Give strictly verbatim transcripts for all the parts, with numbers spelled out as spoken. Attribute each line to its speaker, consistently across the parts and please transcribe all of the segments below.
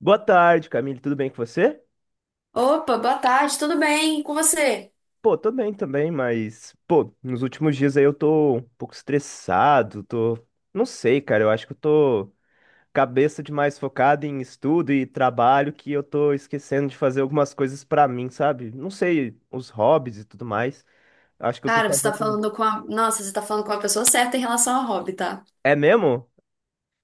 Speaker 1: Boa tarde, Camille. Tudo bem com você?
Speaker 2: Opa, boa tarde, tudo bem? E com você?
Speaker 1: Pô, tô bem também, mas, pô, nos últimos dias aí eu tô um pouco estressado, tô. Não sei, cara, eu acho que eu tô cabeça demais focada em estudo e trabalho que eu tô esquecendo de fazer algumas coisas pra mim, sabe? Não sei, os hobbies e tudo mais. Acho que eu tô
Speaker 2: Cara, você tá
Speaker 1: fazendo.
Speaker 2: falando com a... Nossa, você tá falando com a pessoa certa em relação ao hobby, tá?
Speaker 1: É mesmo?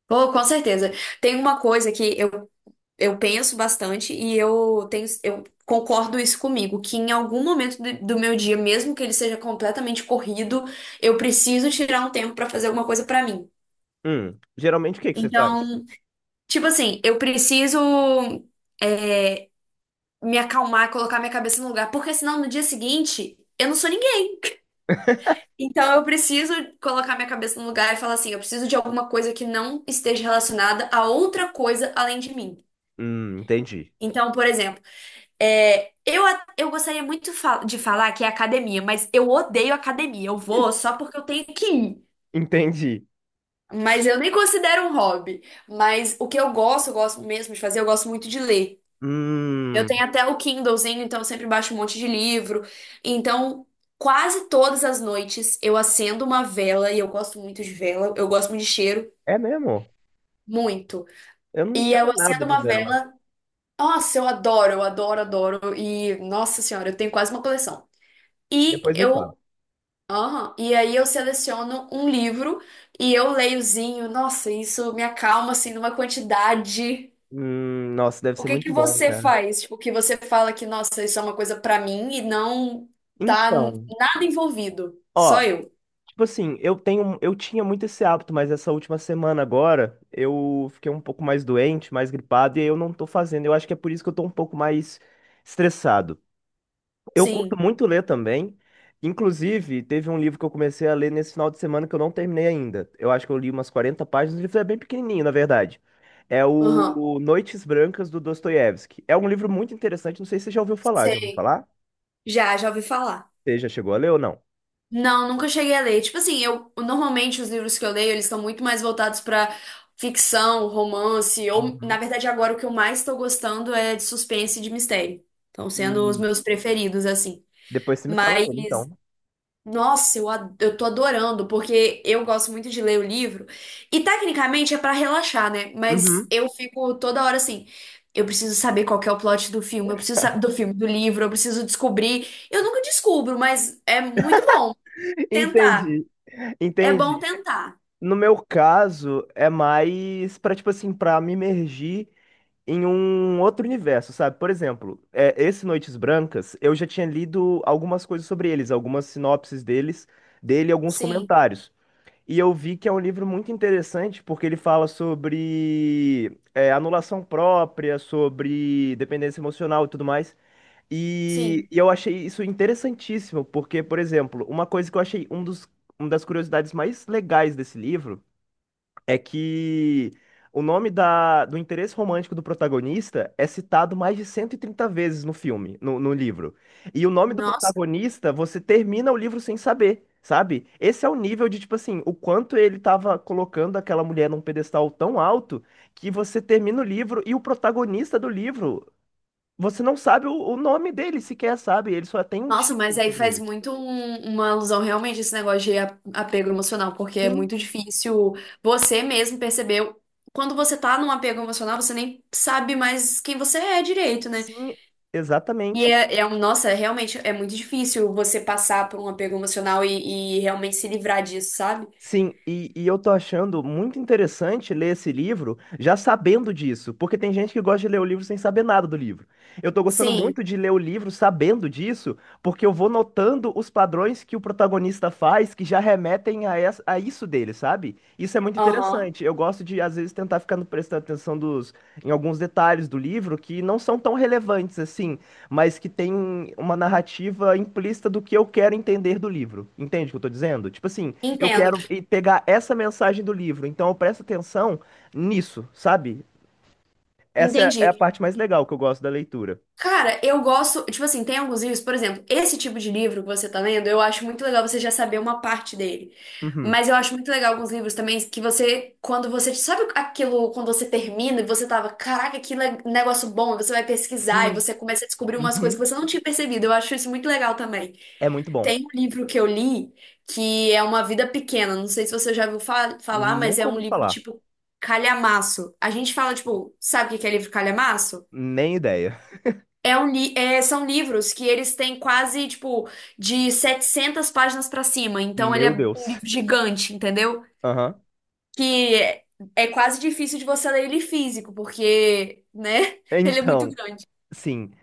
Speaker 2: Pô, com certeza. Tem uma coisa que eu, eu penso bastante e eu tenho, eu concordo isso comigo, que em algum momento do, do meu dia, mesmo que ele seja completamente corrido, eu preciso tirar um tempo pra fazer alguma coisa pra mim.
Speaker 1: Hum, geralmente o que que você faz?
Speaker 2: Então, tipo assim, eu preciso é, me acalmar, colocar minha cabeça no lugar, porque senão no dia seguinte eu não sou ninguém. Então eu preciso colocar minha cabeça no lugar e falar assim, eu preciso de alguma coisa que não esteja relacionada a outra coisa além de mim.
Speaker 1: Hum, entendi.
Speaker 2: Então, por exemplo, é, eu, a- eu gostaria muito fa- de falar que é academia, mas eu odeio academia. Eu vou só porque eu tenho que ir.
Speaker 1: Entendi.
Speaker 2: Mas eu nem considero um hobby. Mas o que eu gosto, eu gosto mesmo de fazer, eu gosto muito de ler. Eu tenho
Speaker 1: Hum,
Speaker 2: até o Kindlezinho, então eu sempre baixo um monte de livro. Então, quase todas as noites eu acendo uma vela e eu gosto muito de vela, eu gosto muito de cheiro.
Speaker 1: é mesmo?
Speaker 2: Muito.
Speaker 1: Eu não
Speaker 2: E
Speaker 1: entendo
Speaker 2: eu
Speaker 1: nada
Speaker 2: acendo
Speaker 1: de
Speaker 2: uma
Speaker 1: vela.
Speaker 2: vela. Nossa, eu adoro, eu adoro, adoro. E, nossa senhora, eu tenho quase uma coleção. E
Speaker 1: Depois me fala.
Speaker 2: eu. Aham. E aí eu seleciono um livro e eu leiozinho. Nossa, isso me acalma, assim, numa quantidade.
Speaker 1: Hum, nossa, deve
Speaker 2: O
Speaker 1: ser
Speaker 2: que
Speaker 1: muito
Speaker 2: que
Speaker 1: bom,
Speaker 2: você
Speaker 1: cara.
Speaker 2: faz? Tipo, que você fala que, nossa, isso é uma coisa pra mim e não tá
Speaker 1: Então,
Speaker 2: nada envolvido.
Speaker 1: ó,
Speaker 2: Só eu.
Speaker 1: tipo assim, eu tenho, eu tinha muito esse hábito, mas essa última semana agora eu fiquei um pouco mais doente, mais gripado, e aí eu não tô fazendo. Eu acho que é por isso que eu tô um pouco mais estressado. Eu curto
Speaker 2: Sim.
Speaker 1: muito ler também. Inclusive, teve um livro que eu comecei a ler nesse final de semana que eu não terminei ainda. Eu acho que eu li umas quarenta páginas, o livro é bem pequenininho, na verdade. É
Speaker 2: Aham.
Speaker 1: o Noites Brancas do Dostoiévski. É um livro muito interessante, não sei se você já ouviu falar. Já ouviu
Speaker 2: Sei.
Speaker 1: falar?
Speaker 2: Já, já ouvi falar.
Speaker 1: Você já chegou a ler ou não?
Speaker 2: Não, nunca cheguei a ler. Tipo assim, eu normalmente os livros que eu leio, eles estão muito mais voltados pra ficção, romance, ou na
Speaker 1: Uhum.
Speaker 2: verdade agora o que eu mais tô gostando é de suspense e de mistério. Estão sendo os
Speaker 1: Hum.
Speaker 2: meus preferidos assim.
Speaker 1: Depois você me fala
Speaker 2: Mas
Speaker 1: dele, então.
Speaker 2: nossa, eu, ad- eu tô adorando, porque eu gosto muito de ler o livro. E tecnicamente é pra relaxar, né? Mas
Speaker 1: Uhum.
Speaker 2: eu fico toda hora assim, eu preciso saber qual que é o plot do filme, eu preciso saber do filme, do livro, eu preciso descobrir. Eu nunca descubro, mas é muito bom tentar.
Speaker 1: Entendi,
Speaker 2: É bom
Speaker 1: entendi.
Speaker 2: tentar.
Speaker 1: No meu caso, é mais pra, tipo assim, pra me imergir em um outro universo, sabe? Por exemplo, é, esse Noites Brancas, eu já tinha lido algumas coisas sobre eles, algumas sinopses deles, dele, e alguns
Speaker 2: Sim,
Speaker 1: comentários. E eu vi que é um livro muito interessante porque ele fala sobre é, anulação própria, sobre dependência emocional e tudo mais. E,
Speaker 2: sim.
Speaker 1: e eu achei isso interessantíssimo, porque, por exemplo, uma coisa que eu achei um dos, uma das curiosidades mais legais desse livro é que o nome da, do interesse romântico do protagonista é citado mais de cento e trinta vezes no filme, no, no livro. E o nome do
Speaker 2: Nossa,
Speaker 1: protagonista, você termina o livro sem saber, sabe? Esse é o nível de, tipo assim, o quanto ele tava colocando aquela mulher num pedestal tão alto que você termina o livro e o protagonista do livro você não sabe o, o nome dele sequer, sabe? Ele só tem um
Speaker 2: nossa, mas
Speaker 1: título
Speaker 2: aí
Speaker 1: sobre
Speaker 2: faz
Speaker 1: ele.
Speaker 2: muito um- uma alusão realmente a esse negócio de a- apego emocional, porque é
Speaker 1: Sim,
Speaker 2: muito difícil você mesmo perceber. Quando você tá num apego emocional, você nem sabe mais quem você é direito, né?
Speaker 1: sim,
Speaker 2: E
Speaker 1: exatamente.
Speaker 2: é, é um, nossa, é realmente é muito difícil você passar por um apego emocional e, e realmente se livrar disso, sabe?
Speaker 1: Sim, e, e eu tô achando muito interessante ler esse livro já sabendo disso, porque tem gente que gosta de ler o livro sem saber nada do livro. Eu tô gostando
Speaker 2: Sim,
Speaker 1: muito de ler o livro sabendo disso, porque eu vou notando os padrões que o protagonista faz que já remetem a, essa- a isso dele, sabe? Isso é muito
Speaker 2: aham,
Speaker 1: interessante. Eu gosto de, às vezes, tentar ficar prestando atenção dos, em alguns detalhes do livro que não são tão relevantes assim, mas que tem uma narrativa implícita do que eu quero entender do livro. Entende o que eu tô dizendo? Tipo assim. Eu
Speaker 2: entendo.
Speaker 1: quero e- pegar essa mensagem do livro, então eu presto atenção nisso, sabe? Essa
Speaker 2: Entendi.
Speaker 1: é é a parte mais legal que eu gosto da leitura.
Speaker 2: Cara, eu gosto, tipo assim, tem alguns livros, por exemplo, esse tipo de livro que você tá lendo, eu acho muito legal você já saber uma parte dele.
Speaker 1: Uhum.
Speaker 2: Mas eu acho muito legal alguns livros também que você, quando você, sabe aquilo, quando você termina e você tava, caraca, que le- negócio bom, e você vai pesquisar e
Speaker 1: Sim.
Speaker 2: você começa a descobrir umas coisas
Speaker 1: Uhum.
Speaker 2: que você não tinha percebido. Eu acho isso muito legal também.
Speaker 1: É muito bom.
Speaker 2: Tem um livro que eu li que é Uma Vida Pequena, não sei se você já ouviu fa- falar, mas é
Speaker 1: Nunca
Speaker 2: um
Speaker 1: ouvi
Speaker 2: livro
Speaker 1: falar.
Speaker 2: tipo calhamaço. A gente fala, tipo, sabe o que que é livro calhamaço?
Speaker 1: Nem ideia.
Speaker 2: É um li- é, são livros que eles têm quase, tipo, de setecentas páginas pra cima. Então, ele é
Speaker 1: Meu
Speaker 2: um
Speaker 1: Deus.
Speaker 2: livro gigante, entendeu?
Speaker 1: Aham.
Speaker 2: Que é, é quase difícil de você ler ele físico, porque, né? Ele é muito
Speaker 1: Então,
Speaker 2: grande.
Speaker 1: sim.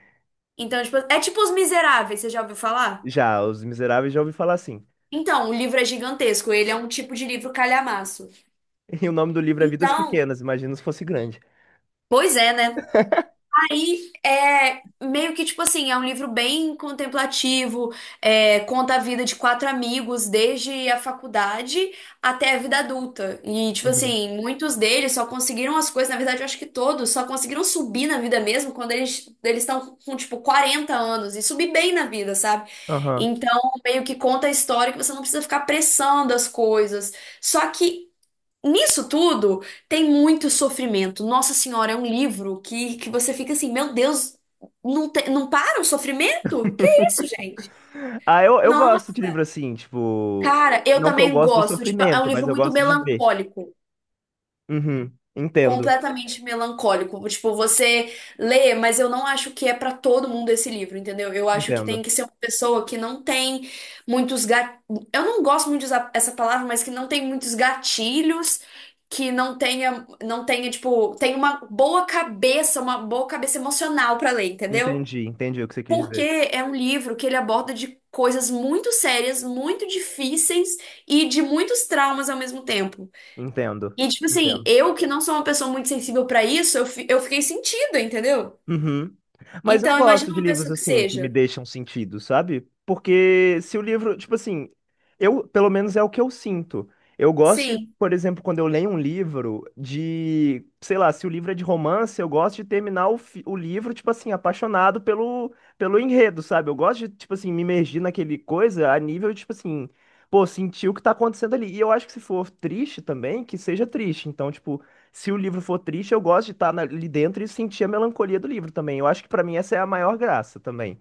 Speaker 2: Então, tipo, é tipo Os Miseráveis, você já ouviu falar?
Speaker 1: Já, Os Miseráveis já ouvi falar assim.
Speaker 2: Então, o livro é gigantesco. Ele é um tipo de livro calhamaço.
Speaker 1: E o nome do livro é Vidas
Speaker 2: Então,
Speaker 1: Pequenas, imagina se fosse grande.
Speaker 2: pois é, né? Aí é meio que tipo assim, é um livro bem contemplativo, é, conta a vida de quatro amigos desde a faculdade até a vida adulta. E tipo
Speaker 1: Uhum.
Speaker 2: assim, muitos deles só conseguiram as coisas, na verdade eu acho que todos só conseguiram subir na vida mesmo quando eles eles estão com tipo quarenta anos e subir bem na vida, sabe?
Speaker 1: Aham.
Speaker 2: Então, meio que conta a história que você não precisa ficar pressando as coisas. Só que nisso tudo tem muito sofrimento. Nossa Senhora, é um livro que, que você fica assim, meu Deus, não, te- não para o sofrimento? Que isso, gente?
Speaker 1: Ah, eu, eu
Speaker 2: Nossa,
Speaker 1: gosto de livro assim, tipo.
Speaker 2: cara, eu
Speaker 1: Não que eu
Speaker 2: também
Speaker 1: gosto do
Speaker 2: gosto. Tipo, é um
Speaker 1: sofrimento, mas
Speaker 2: livro
Speaker 1: eu
Speaker 2: muito
Speaker 1: gosto de ver.
Speaker 2: melancólico.
Speaker 1: Uhum. Entendo.
Speaker 2: Completamente melancólico. Tipo, você lê, mas eu não acho que é pra todo mundo esse livro, entendeu? Eu acho que
Speaker 1: Entendo.
Speaker 2: tem que ser uma pessoa que não tem muitos gat... Eu não gosto muito de usar essa palavra, mas que não tem muitos gatilhos, que não tenha, não tenha, tipo, tem uma boa cabeça, uma boa cabeça emocional pra ler, entendeu?
Speaker 1: Entendi, entendi o que você quis
Speaker 2: Porque
Speaker 1: dizer.
Speaker 2: é um livro que ele aborda de coisas muito sérias, muito difíceis e de muitos traumas ao mesmo tempo.
Speaker 1: Entendo,
Speaker 2: E, tipo assim,
Speaker 1: entendo.
Speaker 2: eu, que não sou uma pessoa muito sensível pra isso, eu, fi- eu fiquei sentida, entendeu?
Speaker 1: Uhum. Mas eu
Speaker 2: Então,
Speaker 1: gosto
Speaker 2: imagina
Speaker 1: de
Speaker 2: uma
Speaker 1: livros
Speaker 2: pessoa que
Speaker 1: assim, que me
Speaker 2: seja.
Speaker 1: deixam sentido, sabe? Porque se o livro, tipo assim, eu, pelo menos é o que eu sinto. Eu gosto, de,
Speaker 2: Sim,
Speaker 1: por exemplo, quando eu leio um livro de, sei lá, se o livro é de romance, eu gosto de terminar o, fi- o livro, tipo assim, apaixonado pelo, pelo enredo, sabe? Eu gosto de, tipo assim, me imergir naquele coisa a nível, tipo assim, pô, sentir o que tá acontecendo ali. E eu acho que se for triste também, que seja triste. Então, tipo, se o livro for triste, eu gosto de estar na- ali dentro e sentir a melancolia do livro também. Eu acho que pra mim essa é a maior graça também.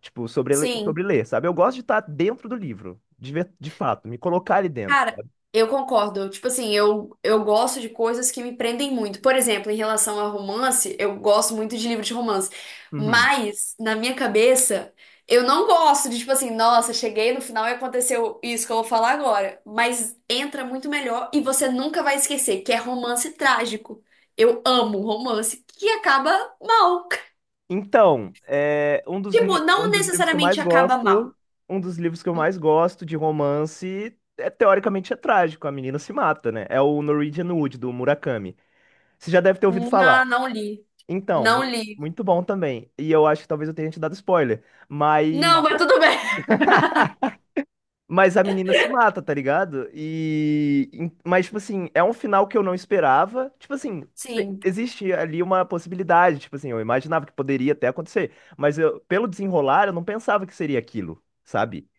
Speaker 1: Tipo, sobre, le-
Speaker 2: sim.
Speaker 1: sobre ler, sabe? Eu gosto de estar dentro do livro, de, ver- de fato, me colocar ali dentro,
Speaker 2: Cara,
Speaker 1: sabe?
Speaker 2: eu concordo. Tipo assim, eu, eu gosto de coisas que me prendem muito. Por exemplo, em relação a romance, eu gosto muito de livro de romance.
Speaker 1: Uhum.
Speaker 2: Mas, na minha cabeça, eu não gosto de, tipo assim, nossa, cheguei no final e aconteceu isso que eu vou falar agora. Mas entra muito melhor e você nunca vai esquecer, que é romance trágico. Eu amo romance que acaba mal.
Speaker 1: Então, é, um dos, ni-
Speaker 2: Tipo,
Speaker 1: um
Speaker 2: não
Speaker 1: dos livros que eu
Speaker 2: necessariamente
Speaker 1: mais
Speaker 2: acaba mal.
Speaker 1: gosto, um dos livros que eu mais gosto de romance, é, teoricamente é trágico, a menina se mata, né? É o Norwegian Wood, do Murakami. Você já deve ter ouvido falar.
Speaker 2: Não, não li.
Speaker 1: Então,
Speaker 2: Não
Speaker 1: mu-
Speaker 2: li.
Speaker 1: muito bom também. E eu acho que talvez eu tenha te dado spoiler, mas...
Speaker 2: Não, mas tudo bem.
Speaker 1: Mas a menina se mata, tá ligado? E. em- Mas, tipo assim, é um final que eu não esperava. Tipo assim, te-
Speaker 2: Sim.
Speaker 1: existe ali uma possibilidade. Tipo assim, eu imaginava que poderia até acontecer. Mas eu, pelo desenrolar, eu não pensava que seria aquilo, sabe?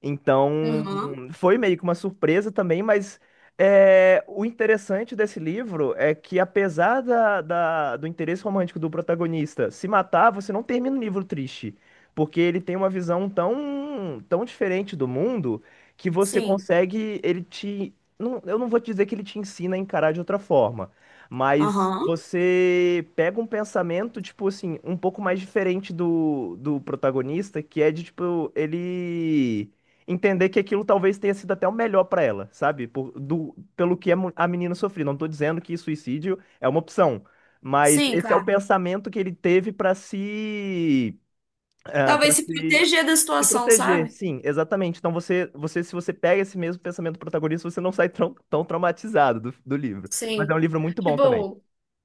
Speaker 1: Então,
Speaker 2: Uhum.
Speaker 1: foi meio que uma surpresa também, mas é, o interessante desse livro é que, apesar da, da- do interesse romântico do protagonista se matar, você não termina o livro triste, porque ele tem uma visão tão, tão diferente do mundo que você
Speaker 2: Sim.
Speaker 1: consegue, ele te, não- eu não vou te dizer que ele te ensina a encarar de outra forma, mas
Speaker 2: Aham.
Speaker 1: você pega um pensamento, tipo assim, um pouco mais diferente do, do protagonista, que é de, tipo, ele entender que aquilo talvez tenha sido até o melhor pra ela, sabe? Por, do, pelo que a mu- a menina sofreu. Não tô dizendo que suicídio é uma opção, mas
Speaker 2: Sim,
Speaker 1: esse é o
Speaker 2: claro.
Speaker 1: pensamento que ele teve pra se, ah,
Speaker 2: Talvez
Speaker 1: pra
Speaker 2: se
Speaker 1: se,
Speaker 2: proteger da
Speaker 1: se
Speaker 2: situação,
Speaker 1: proteger.
Speaker 2: sabe?
Speaker 1: Sim, exatamente. Então você, você, se você pega esse mesmo pensamento protagonista, você não sai tão, tão traumatizado do, do livro. Mas é um
Speaker 2: Sim.
Speaker 1: livro muito bom também.
Speaker 2: Tipo,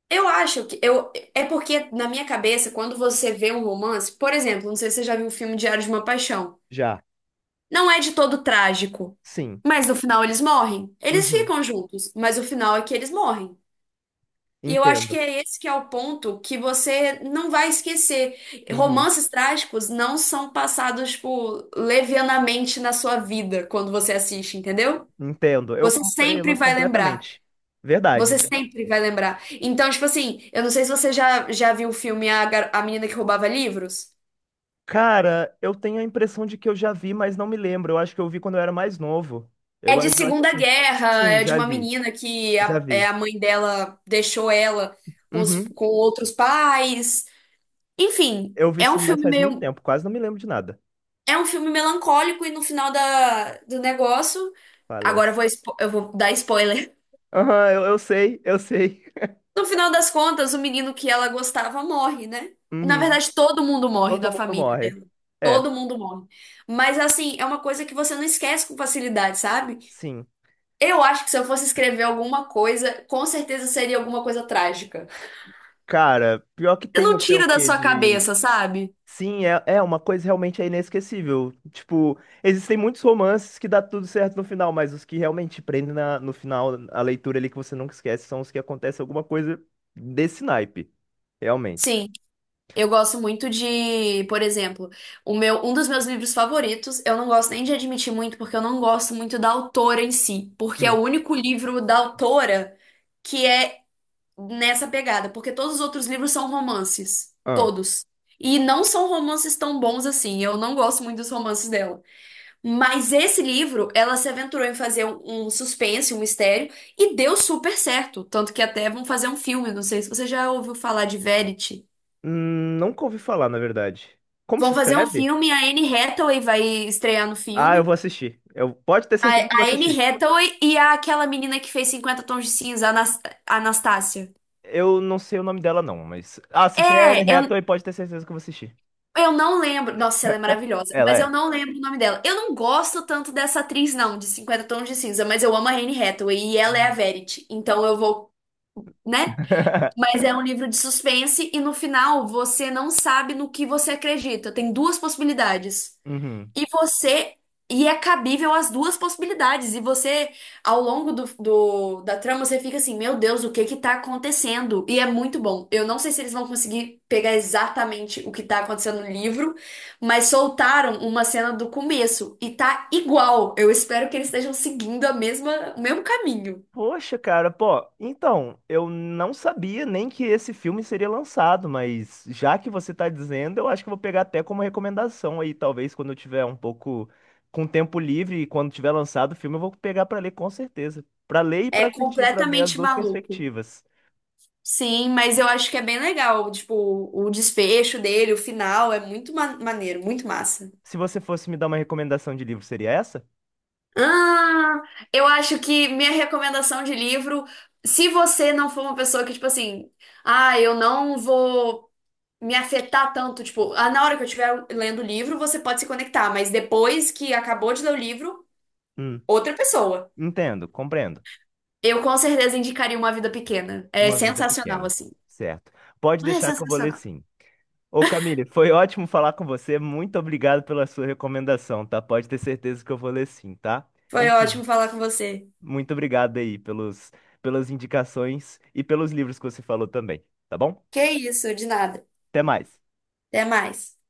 Speaker 2: eu acho que eu é porque na minha cabeça, quando você vê um romance, por exemplo, não sei se você já viu o filme Diário de uma Paixão.
Speaker 1: Já.
Speaker 2: Não é de todo trágico,
Speaker 1: Sim.
Speaker 2: mas no final eles morrem. Eles
Speaker 1: Uhum.
Speaker 2: ficam juntos, mas o final é que eles morrem. E eu acho
Speaker 1: Entendo.
Speaker 2: que é esse que é o ponto que você não vai esquecer.
Speaker 1: Uhum.
Speaker 2: Romances trágicos não são passados, tipo, levianamente na sua vida quando você assiste, entendeu?
Speaker 1: Entendo. Eu
Speaker 2: Você sempre
Speaker 1: compreendo
Speaker 2: vai lembrar.
Speaker 1: completamente. Verdade.
Speaker 2: Você sempre vai lembrar. Então, tipo assim, eu não sei se você já, já viu o filme A, Gar- A Menina que Roubava Livros.
Speaker 1: Cara, eu tenho a impressão de que eu já vi, mas não me lembro. Eu acho que eu vi quando eu era mais novo.
Speaker 2: É
Speaker 1: Eu,
Speaker 2: de
Speaker 1: acho eu acho que
Speaker 2: Segunda
Speaker 1: sim.
Speaker 2: Guerra,
Speaker 1: Sim,
Speaker 2: é de
Speaker 1: já
Speaker 2: uma
Speaker 1: vi.
Speaker 2: menina que
Speaker 1: Já
Speaker 2: a,
Speaker 1: vi.
Speaker 2: é, a mãe dela deixou ela com, os-
Speaker 1: Uhum.
Speaker 2: com outros pais. Enfim,
Speaker 1: Eu vi
Speaker 2: é um
Speaker 1: sim, mas
Speaker 2: filme
Speaker 1: faz muito
Speaker 2: meio,
Speaker 1: tempo. Quase não me lembro de nada.
Speaker 2: é um filme melancólico e no final da, do negócio, agora
Speaker 1: Falece.
Speaker 2: eu vou, expo- eu vou dar spoiler.
Speaker 1: Aham, eu, eu sei, eu sei.
Speaker 2: No final das contas, o menino que ela gostava morre, né? Na
Speaker 1: Uhum.
Speaker 2: verdade, todo mundo morre
Speaker 1: Todo
Speaker 2: da
Speaker 1: mundo
Speaker 2: família.
Speaker 1: morre. É,
Speaker 2: Todo mundo morre. Mas assim, é uma coisa que você não esquece com facilidade, sabe?
Speaker 1: sim.
Speaker 2: Eu acho que se eu fosse escrever alguma coisa, com certeza seria alguma coisa trágica.
Speaker 1: Cara, pior que
Speaker 2: Você
Speaker 1: tem
Speaker 2: não
Speaker 1: não sei o
Speaker 2: tira da
Speaker 1: quê
Speaker 2: sua
Speaker 1: de
Speaker 2: cabeça, sabe?
Speaker 1: Sim, é, é uma coisa realmente é inesquecível. Tipo, existem muitos romances que dá tudo certo no final, mas os que realmente prendem na- no final a leitura ali que você nunca esquece são os que acontece alguma coisa desse naipe, realmente.
Speaker 2: Sim, eu gosto muito de, por exemplo, o meu, um dos meus livros favoritos, eu não gosto nem de admitir muito, porque eu não gosto muito da autora em si, porque é
Speaker 1: Hum,
Speaker 2: o único livro da autora que é nessa pegada, porque todos os outros livros são romances,
Speaker 1: ah.
Speaker 2: todos. E não são romances tão bons assim, eu não gosto muito dos romances dela. Mas esse livro, ela se aventurou em fazer um, um suspense, um mistério, e deu super certo. Tanto que até vão fazer um filme, não sei se você já ouviu falar de Verity.
Speaker 1: Hum, nunca ouvi falar, na verdade. Como
Speaker 2: Vão
Speaker 1: se
Speaker 2: fazer um
Speaker 1: escreve?
Speaker 2: filme, a Anne Hathaway vai estrear no
Speaker 1: Ah, eu
Speaker 2: filme.
Speaker 1: vou assistir. Eu pode ter
Speaker 2: A,
Speaker 1: certeza que eu vou
Speaker 2: a Anne
Speaker 1: assistir.
Speaker 2: Hathaway e a- aquela menina que fez Cinquenta Tons de Cinza, a Anas- a Anastácia.
Speaker 1: Eu não sei o nome dela não, mas ah, se tem a
Speaker 2: É,
Speaker 1: Anne
Speaker 2: eu,
Speaker 1: Hathaway, pode ter certeza que eu vou assistir.
Speaker 2: Eu não lembro. Nossa, ela é maravilhosa.
Speaker 1: Ela
Speaker 2: Mas eu
Speaker 1: é.
Speaker 2: não lembro o nome dela. Eu não gosto tanto dessa atriz, não, de Cinquenta Tons de Cinza, mas eu amo a Anne Hathaway e ela é a
Speaker 1: Uhum.
Speaker 2: Verity. Então eu vou, né? Mas é um livro de suspense e no final você não sabe no que você acredita. Tem duas possibilidades.
Speaker 1: Uhum.
Speaker 2: E você. E é cabível as duas possibilidades. E você, ao longo do, do- da trama, você fica assim, meu Deus, o que que tá acontecendo? E é muito bom. Eu não sei se eles vão conseguir pegar exatamente o que tá acontecendo no livro, mas soltaram uma cena do começo e tá igual. Eu espero que eles estejam seguindo a mesma, o mesmo caminho.
Speaker 1: Poxa, cara, pô, então, eu não sabia nem que esse filme seria lançado, mas já que você tá dizendo, eu acho que eu vou pegar até como recomendação aí, talvez quando eu tiver um pouco com tempo livre e quando tiver lançado o filme, eu vou pegar pra ler com certeza. Pra ler e pra
Speaker 2: É
Speaker 1: assistir, pra ver as
Speaker 2: completamente
Speaker 1: duas
Speaker 2: maluco.
Speaker 1: perspectivas.
Speaker 2: Sim, mas eu acho que é bem legal. Tipo, o desfecho dele, o final, é muito ma- maneiro, muito massa.
Speaker 1: Se você fosse me dar uma recomendação de livro, seria essa?
Speaker 2: Ah, eu acho que minha recomendação de livro, se você não for uma pessoa que, tipo assim, ah, eu não vou me afetar tanto, tipo, ah, na hora que eu estiver lendo o livro, você pode se conectar, mas depois que acabou de ler o livro,
Speaker 1: Hum,
Speaker 2: outra pessoa.
Speaker 1: entendo, compreendo.
Speaker 2: Eu com certeza indicaria Uma Vida Pequena. É
Speaker 1: Uma vida
Speaker 2: sensacional,
Speaker 1: pequena.
Speaker 2: assim.
Speaker 1: Certo. Pode
Speaker 2: É
Speaker 1: deixar que eu vou ler
Speaker 2: sensacional.
Speaker 1: sim. Ô Camille, foi ótimo falar com você. Muito obrigado pela sua recomendação, tá? Pode ter certeza que eu vou ler sim, tá?
Speaker 2: Foi
Speaker 1: Enfim,
Speaker 2: ótimo falar com você.
Speaker 1: muito obrigado aí pelos, pelas indicações e pelos livros que você falou também, tá bom?
Speaker 2: Que isso, de nada.
Speaker 1: Até mais.
Speaker 2: Até mais.